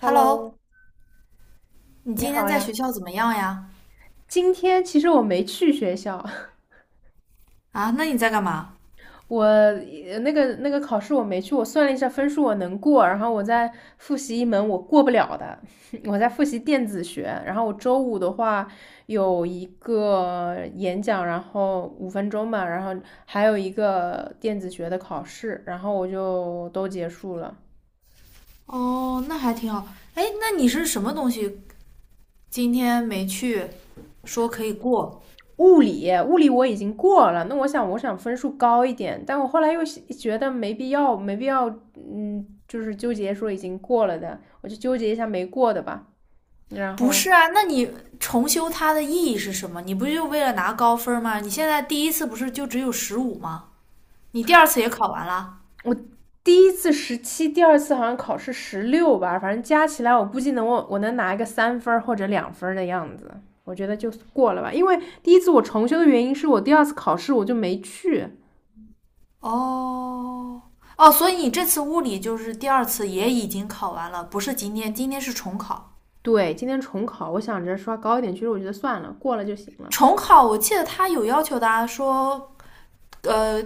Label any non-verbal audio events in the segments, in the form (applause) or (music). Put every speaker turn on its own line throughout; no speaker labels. Hello，
你
你
今天
好
在学
呀。
校怎么样呀？
今天其实我没去学校，(laughs)
啊，那你在干嘛？
我那个考试我没去，我算了一下分数我能过，然后我在复习一门我过不了的，(laughs) 我在复习电子学。然后我周五的话有一个演讲，然后5分钟吧，然后还有一个电子学的考试，然后我就都结束了。
哦，那还挺好。哎，那你是什么东西今天没去，说可以过？
物理，物理我已经过了，那我想分数高一点，但我后来又觉得没必要，没必要，嗯，就是纠结说已经过了的，我就纠结一下没过的吧。然
不
后
是啊，那你重修它的意义是什么？你不就为了拿高分吗？你现在第一次不是就只有十五吗？你第二次也考完了？
我第一次17，第二次好像考试16吧，反正加起来我估计能我能拿一个3分儿或者2分儿的样子，我觉得就过了吧。因为第一次我重修的原因是我第二次考试我就没去，
哦，哦，所以你这次物理就是第二次也已经考完了，不是今天，今天是重考。
对，今天重考，我想着刷高一点，其实我觉得算了，过了就行了。
重考我记得他有要求的啊，说呃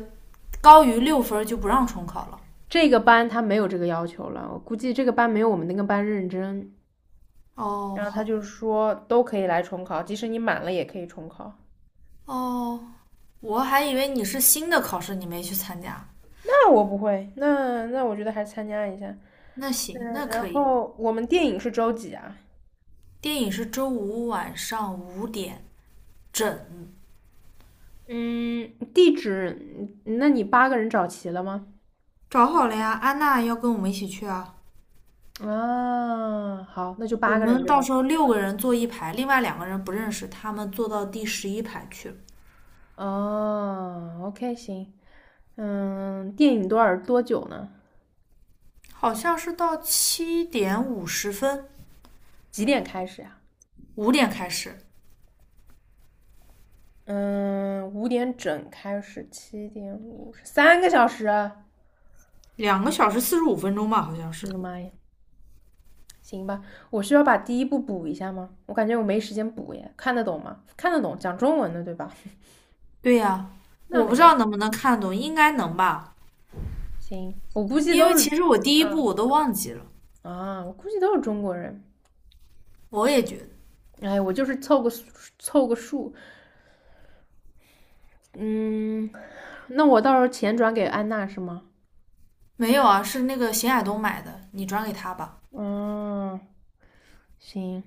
高于六分就不让重考了。
这个班他没有这个要求了，我估计这个班没有我们那个班认真。
哦，
然后他
好，
就说都可以来重考，即使你满了也可以重考。
哦，我还以为你是新的考试，你没去参加。
那我不会，那我觉得还是参加一下。
那行，
嗯，
那
然
可以。
后我们电影是周几啊？
电影是周五晚上5点整，
嗯，地址，那你八个人找齐了吗？
找好了呀。安娜要跟我们一起去啊。
啊，好，那就八
我
个人
们
对
到
吧？
时候6个人坐一排，另外2个人不认识，他们坐到第11排去了，
哦，OK，行。嗯，电影多久呢？
好像是到7:50，
几点开始呀、
五点开始。
嗯，5点整开始，7:50，3个小时啊！
2个小时45分钟吧，好像
我的
是。
妈呀，行吧，我需要把第一步补一下吗？我感觉我没时间补耶，看得懂吗？看得懂，讲中文的对吧？(laughs)
对呀、啊
那
我不
没
知
问
道
题，
能不能看懂，应该能吧。
行，我估计
因
都
为其
是，
实我第一步
嗯
我都忘记了，
我估计都是中国人。
我也觉得
哎，我就是凑个数凑个数，嗯，那我到时候钱转给安娜是吗？
没有啊，是那个邢亚东买的，你转给他吧。
嗯，行，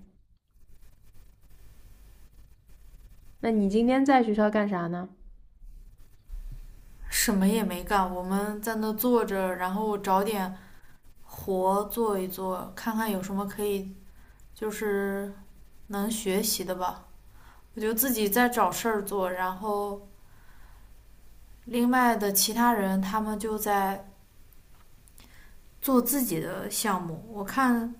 那你今天在学校干啥呢？
什么也没干，我们在那坐着，然后找点活做一做，看看有什么可以就是能学习的吧。我就自己在找事儿做，然后另外的其他人他们就在做自己的项目。我看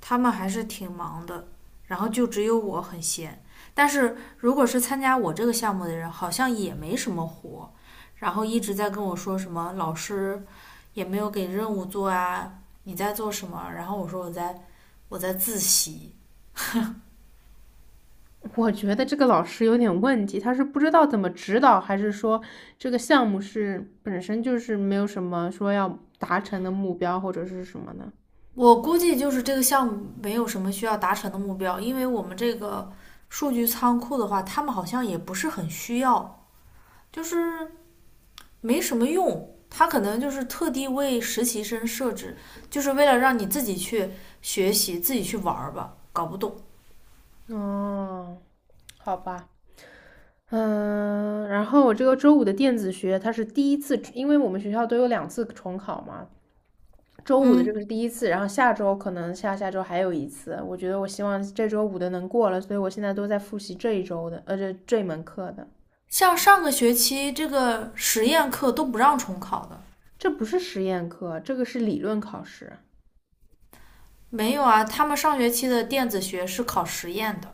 他们还是挺忙的，然后就只有我很闲。但是如果是参加我这个项目的人，好像也没什么活，然后一直在跟我说什么老师也没有给任务做啊，你在做什么？然后我说我在自习。
我觉得这个老师有点问题，他是不知道怎么指导，还是说这个项目是本身就是没有什么说要达成的目标或者是什么呢？
我估计就是这个项目没有什么需要达成的目标，因为我们这个数据仓库的话，他们好像也不是很需要，就是没什么用。他可能就是特地为实习生设置，就是为了让你自己去学习、自己去玩儿吧，搞不懂。
哦，好吧，嗯，然后我这个周五的电子学，它是第一次，因为我们学校都有2次重考嘛，周五的这
嗯，
个是第一次，然后下周可能下下周还有一次。我觉得我希望这周五的能过了，所以我现在都在复习这一周的，这门课的。
像上个学期这个实验课都不让重考的，
这不是实验课，这个是理论考试。
没有啊，他们上学期的电子学是考实验的。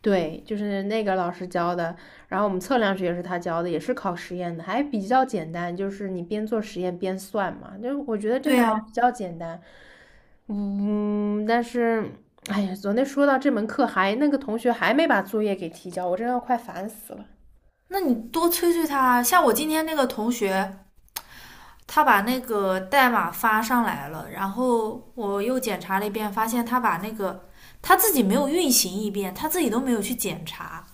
对，就是那个老师教的，然后我们测量学也是他教的，也是考实验的，还比较简单，就是你边做实验边算嘛，就是我觉得这
对
个还
呀、
比较简单，嗯，但是，哎呀，昨天说到这门课还那个同学还没把作业给提交，我真的要快烦死了
那你多催催他啊像我今天那个同学，他把那个代码发上来了，然后我又检查了一遍，发现他把那个他自己没有运行一遍，他自己都没有去检查。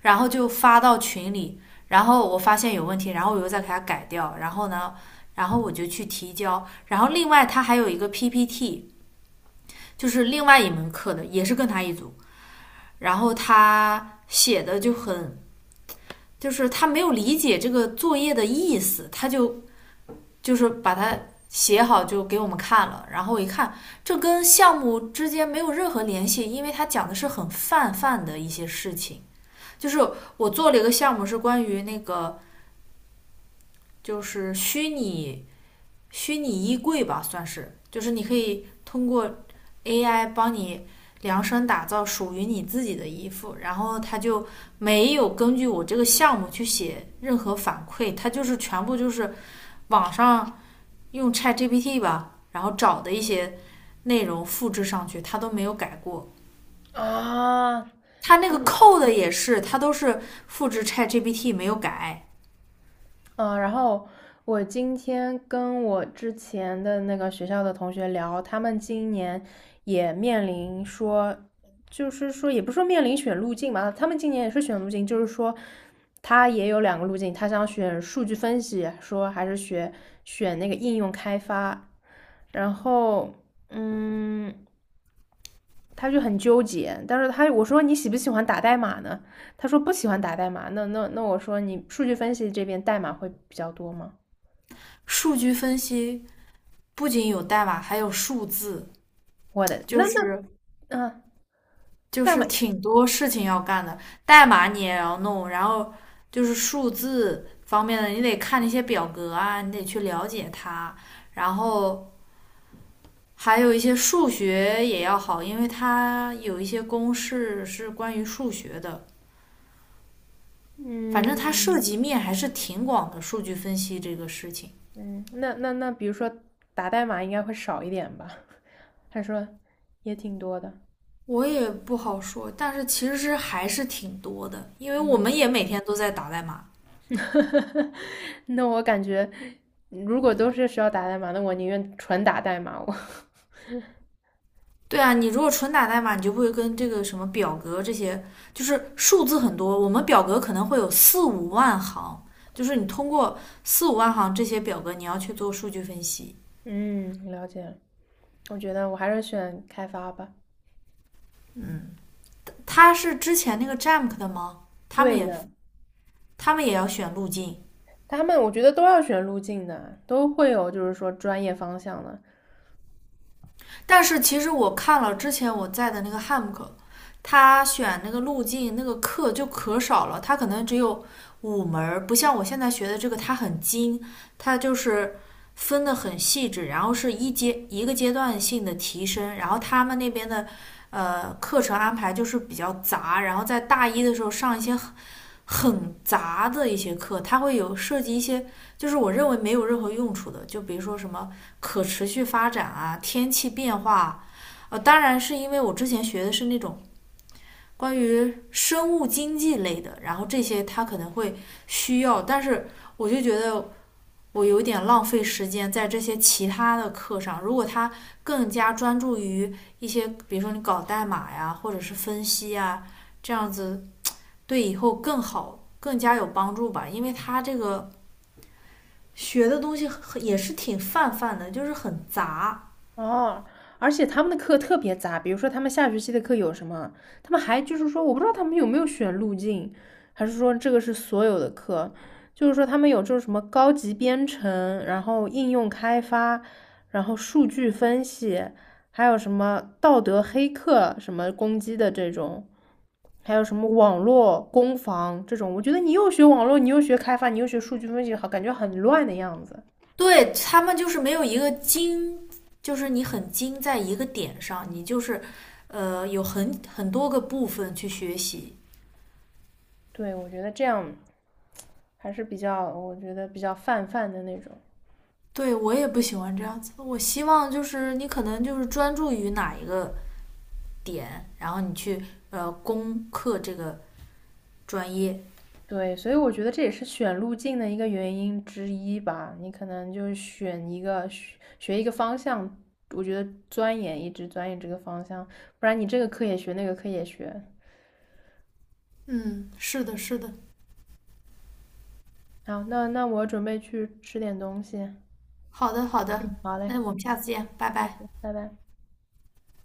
然后就发到群里，然后我发现有问题，然后我又再给他改掉，然后呢，然后我就去提交，然后另外他还有一个 PPT，就是另外一门课的，也是跟他一组，然后他写的就很，就是他没有理解这个作业的意思，他就就是把它写好就给我们看了，然后我一看，这跟项目之间没有任何联系，因为他讲的是很泛泛的一些事情，就是我做了一个项目是关于那个。就是虚拟衣柜吧，算是，就是你可以通过 AI 帮你量身打造属于你自己的衣服，然后它就没有根据我这个项目去写任何反馈，它就是全部就是网上用 ChatGPT 吧，然后找的一些内容复制上去，它都没有改过。
啊！
它那个 code 也是，它都是复制 ChatGPT 没有改。
嗯，然后我今天跟我之前的那个学校的同学聊，他们今年也面临说，就是说也不是说面临选路径嘛，他们今年也是选路径，就是说他也有2个路径，他想选数据分析，说还是学选那个应用开发，然后嗯，他就很纠结，但是他我说你喜不喜欢打代码呢？他说不喜欢打代码，那我说你数据分析这边代码会比较多吗？
数据分析不仅有代码，还有数字，
我的
就是
嗯啊，呃
就
代
是
码，
挺多事情要干的，代码你也要弄，然后就是数字方面的，你得看那些表格啊，你得去了解它，然后还有一些数学也要好，因为它有一些公式是关于数学的，反正它涉
嗯
及面还是挺广的，数据分析这个事情。
嗯，那，比如说打代码应该会少一点吧？(laughs) 他说也挺多的，
我也不好说，但是其实还是挺多的，因为我
嗯，
们也每天都在打代码。
(laughs) 那我感觉如果都是需要打代码，那我宁愿纯打代码。我 (laughs)
对啊，你如果纯打代码，你就不会跟这个什么表格这些，就是数字很多。我们表格可能会有四五万行，就是你通过四五万行这些表格，你要去做数据分析。
嗯，了解了我觉得我还是选开发吧。
嗯，他是之前那个 Jamk 的吗？他们
对
也
的，
他们也要选路径，
他们我觉得都要选路径的，都会有就是说专业方向的。
但是其实我看了之前我在的那个汉姆课，他选那个路径那个课就可少了，他可能只有5门不像我现在学的这个，它很精，它就是分的很细致，然后是一阶一个阶段性的提升，然后他们那边的。课程安排就是比较杂，然后在大一的时候上一些很杂的一些课，它会有涉及一些，就是我认为没有任何用处的，就比如说什么可持续发展啊、天气变化啊，当然是因为我之前学的是那种关于生物经济类的，然后这些它可能会需要，但是我就觉得我有点浪费时间在这些其他的课上，如果他更加专注于一些，比如说你搞代码呀，或者是分析啊，这样子对以后更好、更加有帮助吧。因为他这个学的东西很也是挺泛泛的，就是很杂。
哦，而且他们的课特别杂，比如说他们下学期的课有什么，他们还就是说，我不知道他们有没有选路径，还是说这个是所有的课，就是说他们有这种什么高级编程，然后应用开发，然后数据分析，还有什么道德黑客什么攻击的这种，还有什么网络攻防这种，我觉得你又学网络，你又学开发，你又学数据分析，好，感觉很乱的样子。
对他们就是没有一个精，就是你很精在一个点上，你就是有很多个部分去学习。
对，我觉得这样。还是比较，我觉得比较泛泛的那种。
对我也不喜欢这样子，我希望就是你可能就是专注于哪一个点，然后你去攻克这个专业。
对，所以我觉得这也是选路径的一个原因之一吧。你可能就是选一个学一个方向，我觉得钻研一直钻研这个方向，不然你这个课也学，那个课也学。
嗯，是的，是的。
好，那我准备去吃点东西。
好的，好的。
好嘞，
那我们下次见，拜拜。
拜拜。